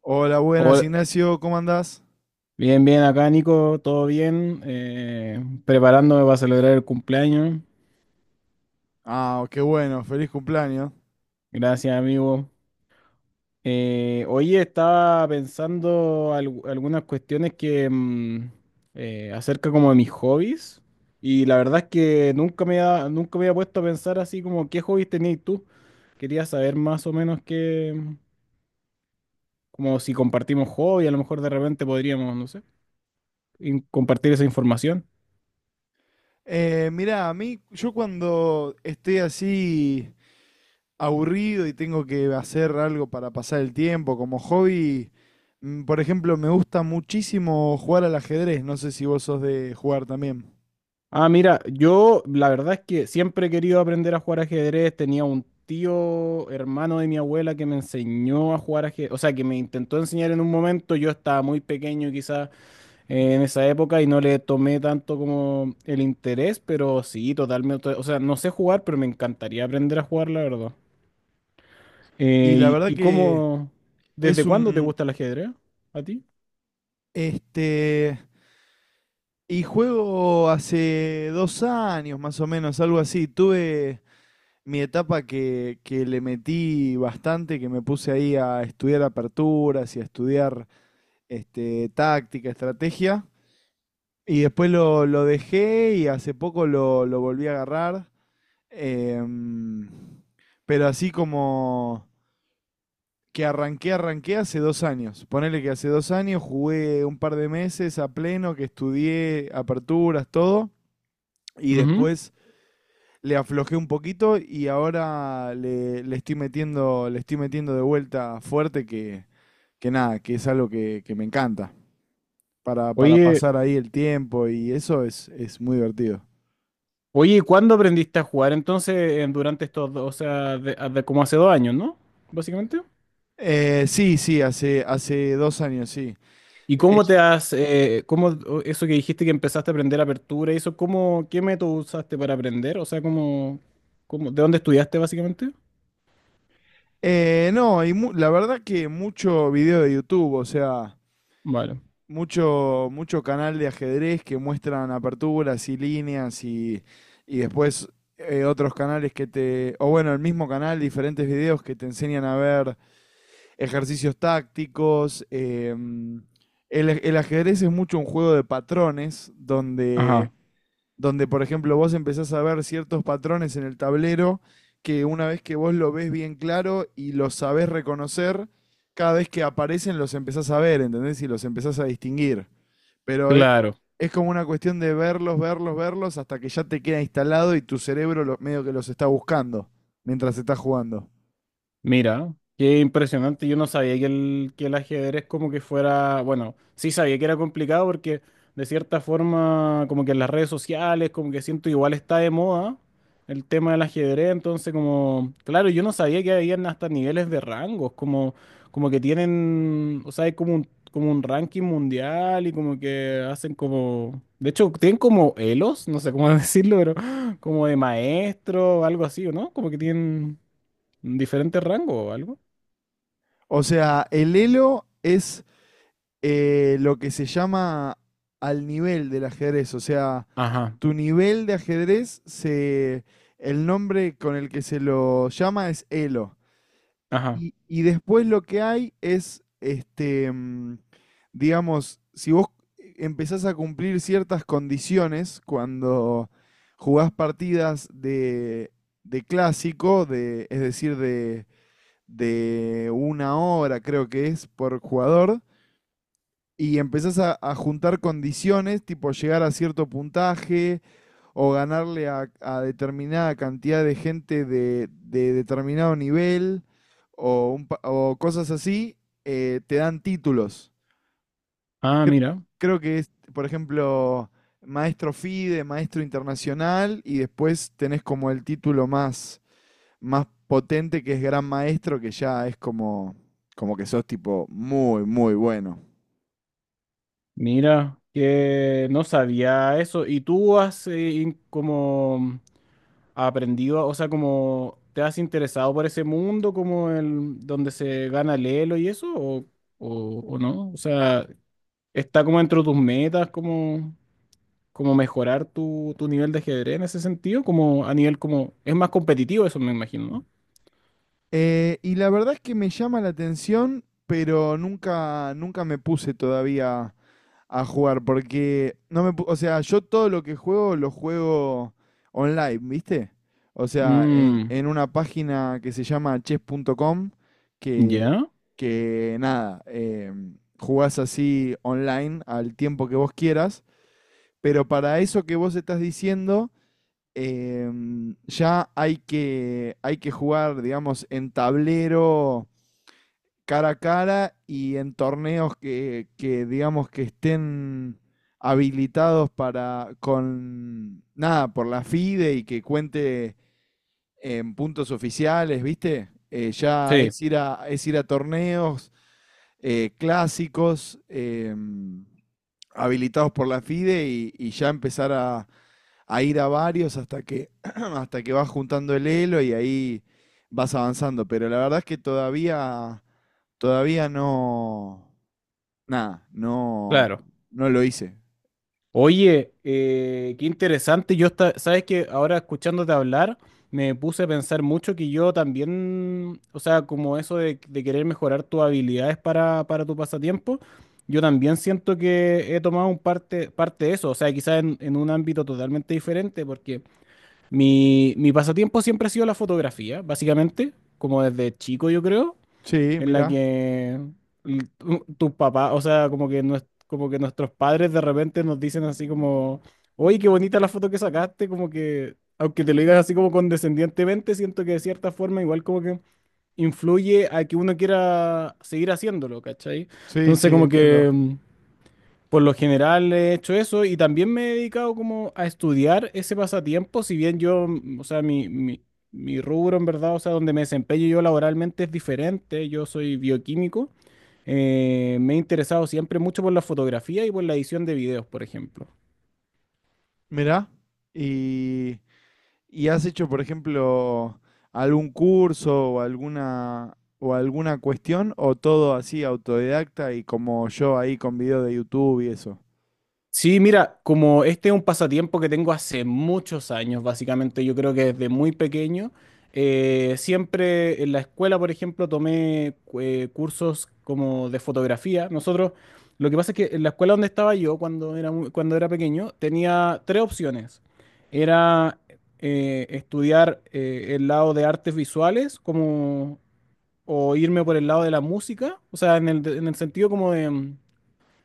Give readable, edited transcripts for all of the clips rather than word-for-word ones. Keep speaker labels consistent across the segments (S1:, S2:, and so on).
S1: Hola, buenas,
S2: Hola.
S1: Ignacio, ¿cómo andás?
S2: Bien, bien, acá Nico, todo bien, preparándome para celebrar el cumpleaños.
S1: Ah, qué bueno, feliz cumpleaños.
S2: Gracias, amigo. Hoy estaba pensando algunas cuestiones que acerca como de mis hobbies y la verdad es que nunca nunca me había puesto a pensar así como qué hobbies tenías tú. Quería saber más o menos qué, como si compartimos hobby, a lo mejor de repente podríamos, no sé, y compartir esa información.
S1: Mirá, a mí, yo cuando estoy así aburrido y tengo que hacer algo para pasar el tiempo como hobby, por ejemplo, me gusta muchísimo jugar al ajedrez, no sé si vos sos de jugar también.
S2: Ah, mira, yo la verdad es que siempre he querido aprender a jugar ajedrez. Tenía un tío, hermano de mi abuela, que me enseñó a jugar ajedrez, o sea, que me intentó enseñar en un momento. Yo estaba muy pequeño, quizás, en esa época y no le tomé tanto como el interés, pero sí, totalmente. O sea, no sé jugar, pero me encantaría aprender a jugar, la verdad.
S1: Y
S2: Eh,
S1: la
S2: y,
S1: verdad
S2: y
S1: que
S2: cómo, desde
S1: es
S2: cuándo te gusta el ajedrez a ti?
S1: este, y juego hace dos años más o menos, algo así, tuve mi etapa que le metí bastante, que me puse ahí a estudiar aperturas y a estudiar táctica, estrategia. Y después lo dejé y hace poco lo volví a agarrar. Em, pero así como que arranqué hace dos años. Ponele que hace dos años jugué un par de meses a pleno, que estudié aperturas, todo. Y
S2: Ujú.
S1: después le aflojé un poquito y ahora le estoy metiendo, le estoy metiendo de vuelta fuerte que nada, que es algo que me encanta. Para
S2: Oye,
S1: pasar ahí el tiempo y eso es muy divertido.
S2: oye, ¿y cuándo aprendiste a jugar entonces durante estos dos, o sea, como hace 2 años, ¿no? Básicamente.
S1: Sí, sí, hace dos años, sí.
S2: ¿Y
S1: Eh,
S2: cómo
S1: yo-
S2: te has, cómo eso que dijiste que empezaste a aprender apertura y eso, cómo, qué método usaste para aprender? O sea, ¿de dónde estudiaste básicamente?
S1: no, y la verdad que mucho video de YouTube, o sea,
S2: Vale.
S1: mucho, mucho canal de ajedrez que muestran aperturas y líneas y después otros canales que te, o bueno, el mismo canal, diferentes videos que te enseñan a ver ejercicios tácticos. El ajedrez es mucho un juego de patrones donde,
S2: Ajá.
S1: donde, por ejemplo, vos empezás a ver ciertos patrones en el tablero que una vez que vos lo ves bien claro y los sabés reconocer, cada vez que aparecen los empezás a ver, ¿entendés? Y los empezás a distinguir. Pero es,
S2: Claro,
S1: es como una cuestión de verlos, verlos, verlos hasta que ya te queda instalado y tu cerebro medio que los está buscando mientras estás jugando.
S2: mira, qué impresionante. Yo no sabía que el ajedrez como que fuera, bueno, sí sabía que era complicado porque de cierta forma como que en las redes sociales como que siento igual está de moda el tema del ajedrez, entonces como, claro, yo no sabía que habían hasta niveles de rangos, como, que tienen, o sea, hay como un ranking mundial y como que hacen como, de hecho, tienen como elos, no sé cómo decirlo, pero como de maestro o algo así, ¿o no? ¿Como que tienen diferente rango o algo?
S1: O sea, el Elo es lo que se llama al nivel del ajedrez. O sea,
S2: Ajá,
S1: tu nivel de ajedrez se. El nombre con el que se lo llama es Elo.
S2: ajá.
S1: Y después lo que hay es, digamos, si vos empezás a cumplir ciertas condiciones cuando jugás partidas de clásico, de una hora creo que es por jugador, y empezás a juntar condiciones, tipo llegar a cierto puntaje o ganarle a determinada cantidad de gente de determinado nivel o, o cosas así, te dan títulos.
S2: Ah,
S1: Cre-
S2: mira,
S1: Creo que es, por ejemplo, maestro FIDE, maestro internacional, y después tenés como el título más, más potente que es gran maestro, que ya es como, como que sos tipo muy, muy bueno.
S2: mira, que no sabía eso. ¿Y tú has como aprendido, o sea, como te has interesado por ese mundo, como el donde se gana el Elo y eso, o no? O sea, ¿está como dentro de tus metas, como mejorar tu nivel de ajedrez en ese sentido? Como a nivel como, es más competitivo eso, me imagino, ¿no?
S1: Y la verdad es que me llama la atención, pero nunca, nunca me puse todavía a jugar, porque no me, o sea, yo todo lo que juego lo juego online, ¿viste? O sea, en,
S2: Mm,
S1: en una página que se llama chess.com, que,
S2: ya.
S1: que nada, jugás así online al tiempo que vos quieras, pero para eso que vos estás diciendo ya hay que jugar, digamos, en tablero cara a cara y en torneos que digamos que estén habilitados para con nada por la FIDE y que cuente en puntos oficiales, ¿viste? Ya
S2: Sí,
S1: es ir a torneos clásicos habilitados por la FIDE y ya empezar a ir a varios hasta que, hasta que vas juntando el elo y ahí vas avanzando. Pero la verdad es que todavía, todavía no, nada, no,
S2: claro.
S1: no lo hice.
S2: Oye, qué interesante. Yo sabes que ahora escuchándote hablar, me puse a pensar mucho que yo también, o sea, como eso de querer mejorar tus habilidades para tu pasatiempo, yo también siento que he tomado un parte de eso, o sea, quizás en un ámbito totalmente diferente, porque mi pasatiempo siempre ha sido la fotografía, básicamente, como desde chico yo creo
S1: Sí,
S2: en la
S1: mirá.
S2: que tus papás, o sea, como que, como que nuestros padres de repente nos dicen así como, oye, qué bonita la foto que sacaste, como que, aunque te lo digas así como condescendientemente, siento que de cierta forma igual como que influye a que uno quiera seguir haciéndolo, ¿cachai?
S1: Sí,
S2: Entonces
S1: sí,
S2: como
S1: entiendo.
S2: que, por lo general he hecho eso y también me he dedicado como a estudiar ese pasatiempo, si bien yo, o sea, mi rubro en verdad, o sea, donde me desempeño yo laboralmente es diferente, yo soy bioquímico, me he interesado siempre mucho por la fotografía y por la edición de videos, por ejemplo.
S1: Mirá. Y, y has hecho, por ejemplo, algún curso o alguna cuestión o todo así autodidacta y como yo ahí con video de YouTube y eso.
S2: Sí, mira, como este es un pasatiempo que tengo hace muchos años, básicamente, yo creo que desde muy pequeño, siempre en la escuela, por ejemplo, tomé cursos como de fotografía. Nosotros, lo que pasa es que en la escuela donde estaba yo cuando era pequeño, tenía tres opciones. Era estudiar el lado de artes visuales, como, o irme por el lado de la música, o sea, en el sentido como de. Mm.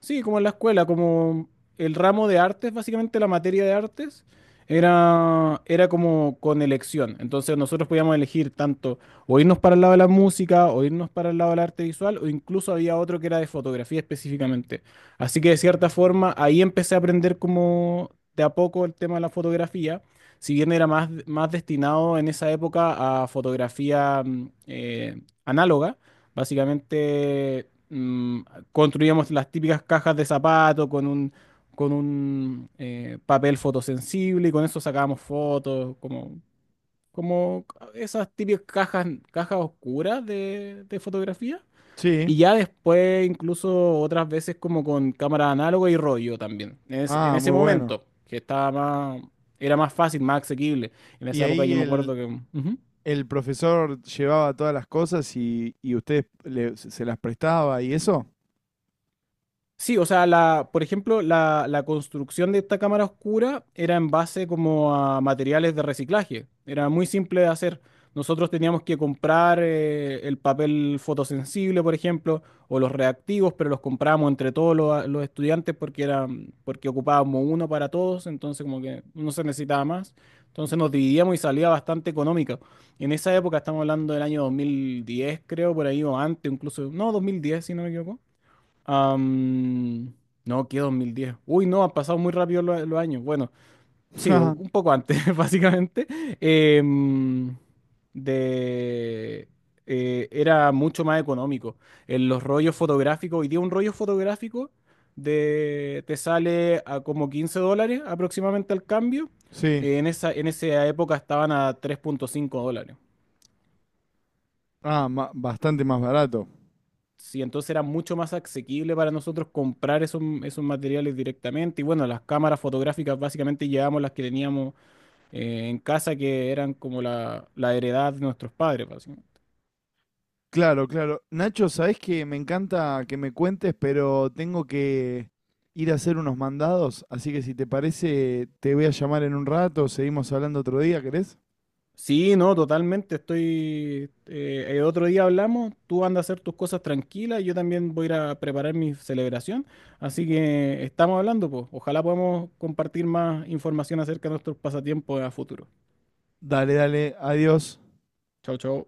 S2: Sí, como en la escuela, como el ramo de artes, básicamente la materia de artes, era como con elección. Entonces nosotros podíamos elegir tanto o irnos para el lado de la música, o irnos para el lado del arte visual, o incluso había otro que era de fotografía específicamente. Así que de cierta forma ahí empecé a aprender como de a poco el tema de la fotografía, si bien era más destinado en esa época a fotografía análoga, básicamente, mm, construíamos las típicas cajas de zapato con un papel fotosensible y con eso sacábamos fotos, como esas típicas cajas, cajas oscuras de fotografía.
S1: Sí.
S2: Y ya después incluso otras veces como con cámara análoga y rollo también. En
S1: Ah,
S2: ese
S1: muy bueno.
S2: momento, que era más fácil, más asequible. En
S1: Y
S2: esa época
S1: ahí
S2: yo me
S1: el,
S2: acuerdo que. Ujú.
S1: el profesor llevaba todas las cosas y usted se las prestaba y eso.
S2: Sí, o sea, la, por ejemplo, la construcción de esta cámara oscura era en base como a materiales de reciclaje. Era muy simple de hacer. Nosotros teníamos que comprar el papel fotosensible, por ejemplo, o los reactivos, pero los comprábamos entre todos los estudiantes porque porque ocupábamos uno para todos, entonces como que no se necesitaba más. Entonces nos dividíamos y salía bastante económica. En esa época, estamos hablando del año 2010, creo, por ahí, o antes, incluso, no, 2010, si no me equivoco. Am, no, que 2010. Uy, no, han pasado muy rápido los años. Bueno, sí, un poco antes, básicamente. Em, de, era mucho más económico. En los rollos fotográficos, hoy día un rollo fotográfico te sale a como $15 aproximadamente al cambio.
S1: Sí.
S2: En en esa época estaban a $3,5.
S1: Ah, bastante más barato.
S2: Sí, entonces era mucho más asequible para nosotros comprar esos materiales directamente. Y bueno, las cámaras fotográficas básicamente llevamos las que teníamos en casa, que eran como la heredad de nuestros padres, básicamente.
S1: Claro, claro. Nacho, sabés que me encanta que me cuentes, pero tengo que ir a hacer unos mandados, así que si te parece, te voy a llamar en un rato, seguimos hablando otro día, ¿querés?
S2: Sí, no, totalmente. Estoy. El otro día hablamos, tú andas a hacer tus cosas tranquilas, yo también voy a ir a preparar mi celebración. Así que estamos hablando, pues. Ojalá podamos compartir más información acerca de nuestros pasatiempos a futuro.
S1: Dale, dale, adiós.
S2: Chau, chau.